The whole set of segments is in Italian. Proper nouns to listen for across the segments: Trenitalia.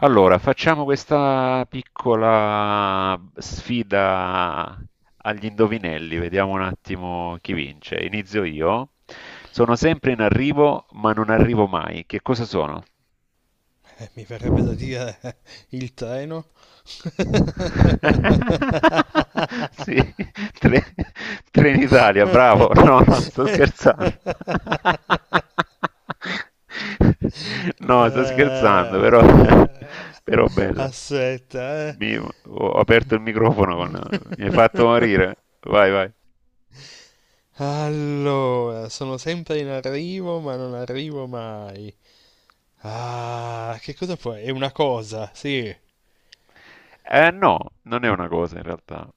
Allora, facciamo questa piccola sfida agli indovinelli, vediamo un attimo chi vince. Inizio io. Sono sempre in arrivo, ma non arrivo mai. Che cosa sono? Mi verrebbe da dire il treno. Sì, Tre- Trenitalia, bravo. No, no, sto scherzando. No, sto scherzando, però, però bella. Aspetta, eh. Ho aperto il microfono con... Mi hai fatto morire. Vai, vai. Allora, sono sempre in arrivo, ma non arrivo mai. Ah, che cosa può? È una cosa, sì. Eh no, non è una cosa in realtà.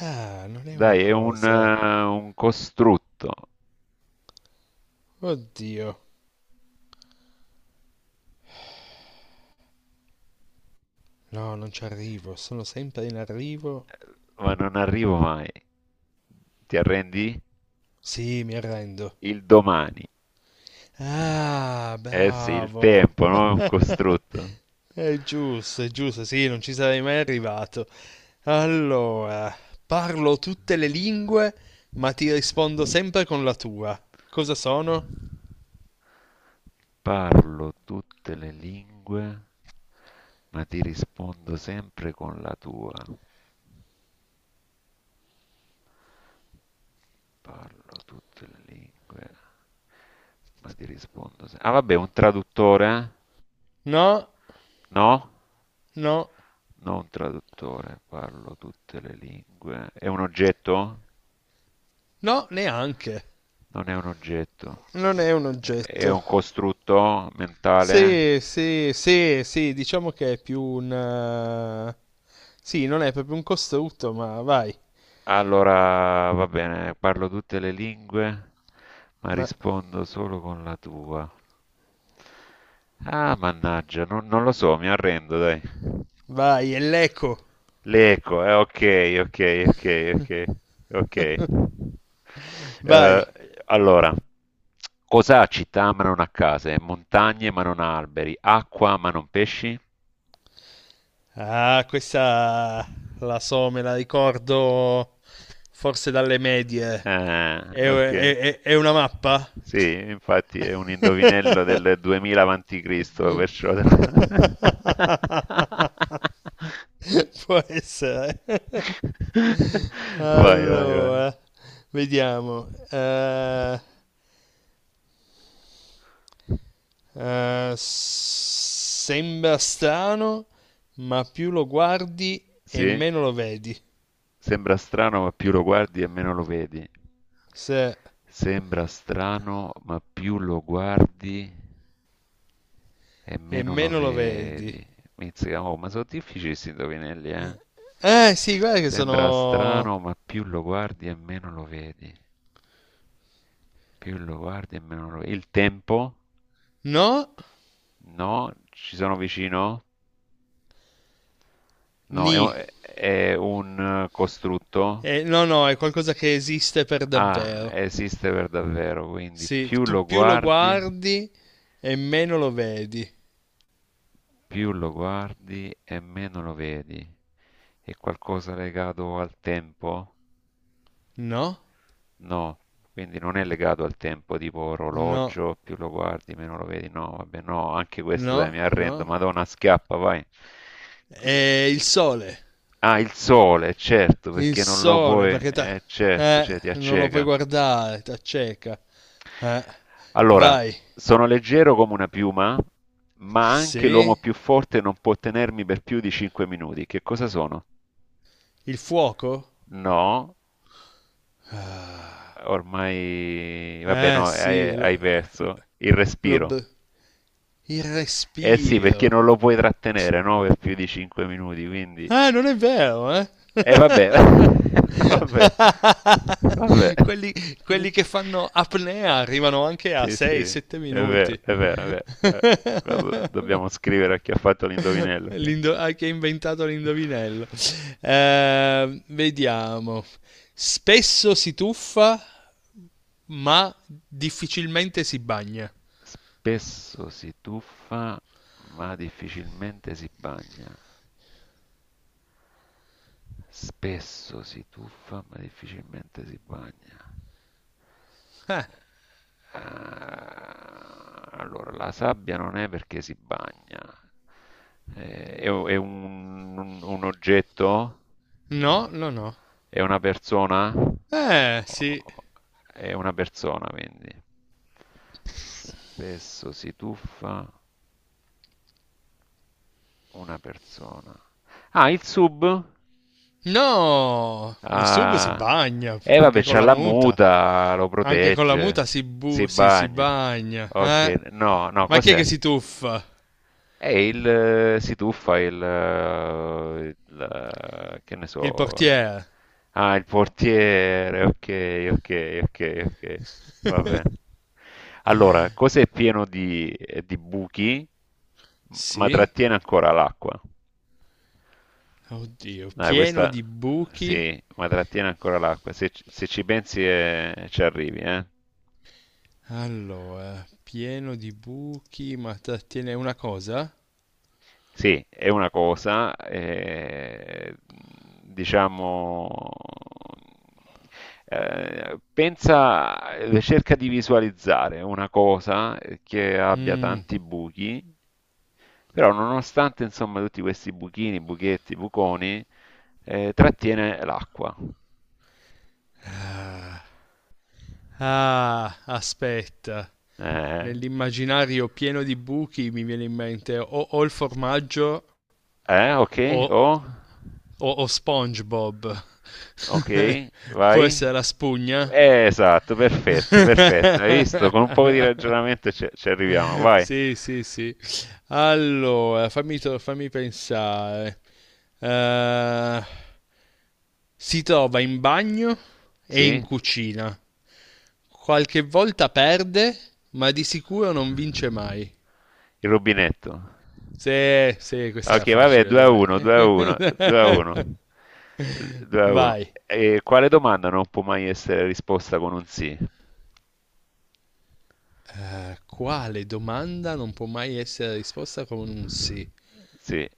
Ah, non è una Dai, è un, cosa. eh, un costrutto, Oddio. No, non ci arrivo, sono sempre in arrivo. ma non arrivo mai. Ti arrendi? Sì, mi arrendo. Il domani. Ah, Eh sì, il bravo. tempo, no? È un costrutto. È giusto, sì, non ci sarei mai arrivato. Allora, parlo tutte le lingue, ma ti rispondo sempre con la tua. Cosa sono? Parlo tutte le lingue, ma ti rispondo sempre con la tua. Parlo tutte le lingue, ma ti rispondo ah, vabbè, un traduttore? Eh? No, No? no, Non un traduttore, parlo tutte le lingue. È un oggetto? no, neanche. Non è un oggetto. Non È è un è oggetto. un costrutto mentale? Sì, sì, sì, sì, diciamo che è più un... Sì, non è proprio un costrutto, ma vai. Allora, va bene, parlo tutte le lingue, ma Ma rispondo solo con la tua. Ah, mannaggia, non lo so, mi arrendo, dai. vai, è l'eco. L'eco, ok, ok, ok, ok, ok. Eh, Vai. allora, cos'ha città ma non ha case, montagne ma non ha alberi, acqua ma non pesci? Ah, questa la so, me la ricordo forse dalle medie. È, Ok. è- è- è una mappa? Sì, infatti è un indovinello del 2000 avanti Cristo, perciò... Può essere. Vai, vai, vai. Allora, vediamo. Sembra strano, ma più lo guardi e Sì, meno lo vedi. sembra strano, ma più lo guardi e meno lo vedi. Se, Sembra strano, ma più lo guardi e E meno lo meno lo vedi. vedi. Mizzica, oh, ma sono difficili questi indovinelli, eh? Eh sì, guarda che Sembra sono... strano, ma più lo guardi e meno lo vedi. Più lo guardi e meno lo vedi. Il tempo? No, No? Ci sono vicino? No, è ni. un, è un, eh, costrutto? No, no, è qualcosa che esiste per Ah, davvero. esiste per davvero, quindi Sì, più tu lo più lo guardi. guardi e meno lo vedi. Più lo guardi e meno lo vedi. È qualcosa legato al tempo? No, No, quindi non è legato al tempo, tipo no, orologio, più lo guardi, meno lo vedi. No, vabbè, no, anche questo dai, no, mi arrendo. no. Madonna, schiappa, vai. È il sole. Ah, il sole, certo, Il perché non lo sole, puoi, perché ta... certo, cioè ti non lo puoi acceca. guardare, t'acceca. Eh, Allora, Vai. sono leggero come una piuma, ma anche l'uomo Sì? più forte non può tenermi per più di 5 minuti. Che cosa sono? Il fuoco? No, ormai, vabbè, no, hai, Sì, lo... hai perso il lo respiro. br- il Eh sì, perché respiro. non lo puoi trattenere, no, per più di 5 minuti, quindi... Ah, non è vero, eh? Eh vabbè, vabbè, vabbè. Quelli, quelli che fanno apnea arrivano anche a Sì, sì, è 6-7 vero, minuti. è vero, è vero. Quando dobbiamo scrivere a chi ha fatto l'indovinello, ok? Ah, che ha inventato l'indovinello. Vediamo. Spesso si tuffa, ma difficilmente si bagna. Spesso si tuffa, ma difficilmente si bagna. Spesso si tuffa ma difficilmente si bagna. Eh, Ah, allora, la sabbia non è perché si bagna. È un oggetto? no, no, no. È una persona? Sì. O- È una persona, quindi. Spesso si tuffa una persona. Ah, il sub? No, in sub si Ah, bagna, e vabbè, anche con c'ha la la muta. muta, lo Anche con la muta protegge, si si bagna. bagna, Ok, eh? no, no, Ma chi è cos'è? che si tuffa? È il, si tuffa il, che ne Il so, portiere. ah, il portiere, ok, ok, ok, ok, va bene. Allora, cos'è pieno di buchi, ma Sì? trattiene ancora l'acqua? Oddio, Dai, pieno questa di buchi. sì, ma trattiene ancora l'acqua. Se ci pensi ci arrivi, eh. Allora, pieno di buchi, ma trattiene una cosa? Sì, è una cosa, diciamo, pensa, cerca di visualizzare una cosa che abbia Mm. tanti buchi, però nonostante insomma tutti questi buchini, buchetti, buconi, trattiene l'acqua. Ah, aspetta. Eh, Nell'immaginario pieno di buchi mi viene in mente o, o il formaggio ok, o, oh. o, o SpongeBob. Ok, Può vai. essere la spugna? Esatto, perfetto, perfetto. Hai visto? Con un po' di ragionamento ci arriviamo. Vai. Sì, sì, sì. Allora, fammi pensare. Eh, si trova in bagno e in Sì? cucina. Qualche volta perde, ma di sicuro non vince mai. Il rubinetto. Sì, sì, questa era Ok, vabbè, facile, 2 a dai. 1, 2-1, 2-1, 2 a 1. Vai. E quale domanda non può mai essere risposta con un sì? Quale domanda non può mai essere risposta con un sì? Sì,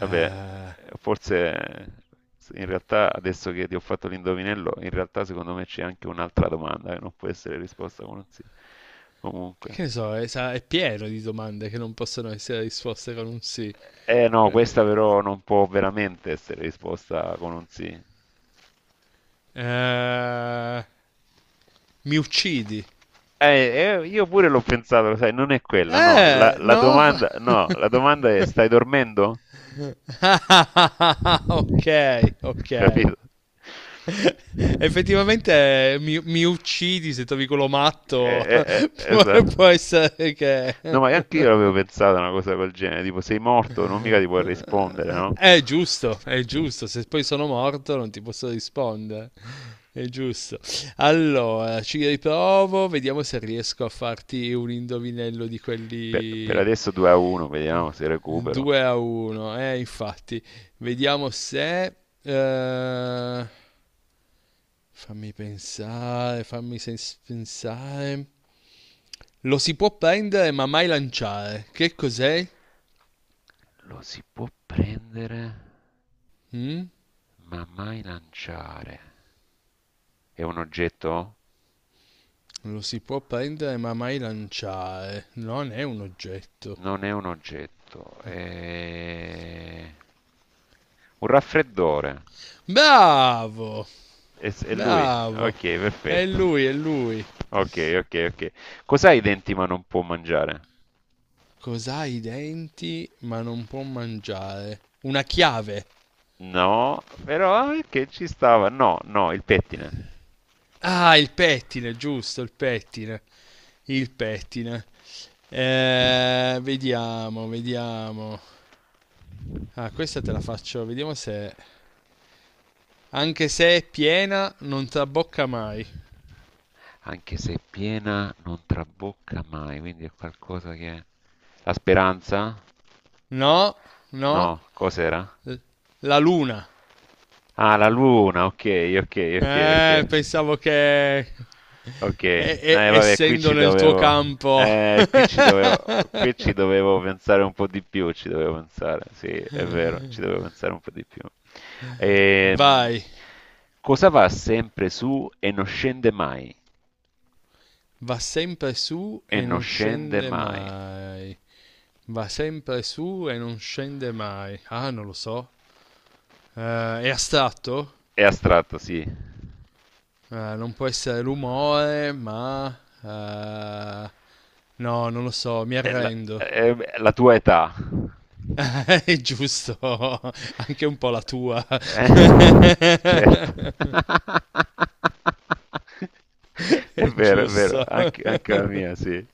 vabbè, forse in realtà adesso che ti ho fatto l'indovinello, in realtà secondo me c'è anche un'altra domanda che non può essere risposta con un sì. Comunque. che ne so, è pieno di domande che non possono essere risposte con un sì. Eh no, questa però non può veramente essere risposta con un sì. Eh, Mi uccidi. Io pure l'ho pensato, lo sai, non è quella, no. La, la No? domanda, no, la domanda è stai dormendo? Ok, ok. Capito? Effettivamente mi uccidi se trovi quello Eh, matto. eh, eh, può, può esatto. essere che... No, ma anche io avevo pensato a una cosa del genere, tipo sei morto, non mica ti puoi rispondere, no? È giusto, è giusto. Se poi sono morto non ti posso rispondere. È giusto. Allora, ci riprovo. Vediamo se riesco a farti un indovinello di Per quelli adesso 2-1, vediamo se recupero. 2-1, infatti. Vediamo se... fammi pensare, pensare. Lo si può prendere ma mai lanciare. Che cos'è? Lo si può prendere, Mm? ma mai lanciare. È un oggetto? Lo si può prendere ma mai lanciare. Non è un oggetto. Non è un oggetto, è un raffreddore. Bravo, È lui? Ok, bravo. È perfetto. lui, è lui. Ok, ok, ok. Cos'ha i denti ma non può mangiare? Cos'ha i denti ma non può mangiare? Una chiave. No, però che ci stava? No, no, il pettine. Ah, il pettine, giusto, il pettine. Il pettine. Vediamo, vediamo. Ah, questa te la faccio, vediamo se... Anche se è piena, non trabocca mai. Anche se è piena non trabocca mai, quindi è qualcosa che... La speranza? No, no. No, cos'era? L- La luna. Ah, la luna, ok, ok, ok, ok. Pensavo che... Ok, vabbè, essendo nel tuo campo... eh, qui ci dovevo, qui ci dovevo pensare un po' di più, ci dovevo pensare, sì, è vero, ci dovevo pensare un po' di più. Ehm, Vai. cosa va sempre su e non scende mai? Va sempre su E e non non scende scende mai. mai. Va sempre su e non scende mai. Ah, non lo so. Eh, è astratto? È astratto, sì. Non può essere l'umore, ma... eh, no, non lo so, mi È la, arrendo. è la tua età. È giusto, anche un po' la tua. Eh, certo. È è vero, giusto. anche la mia, sì.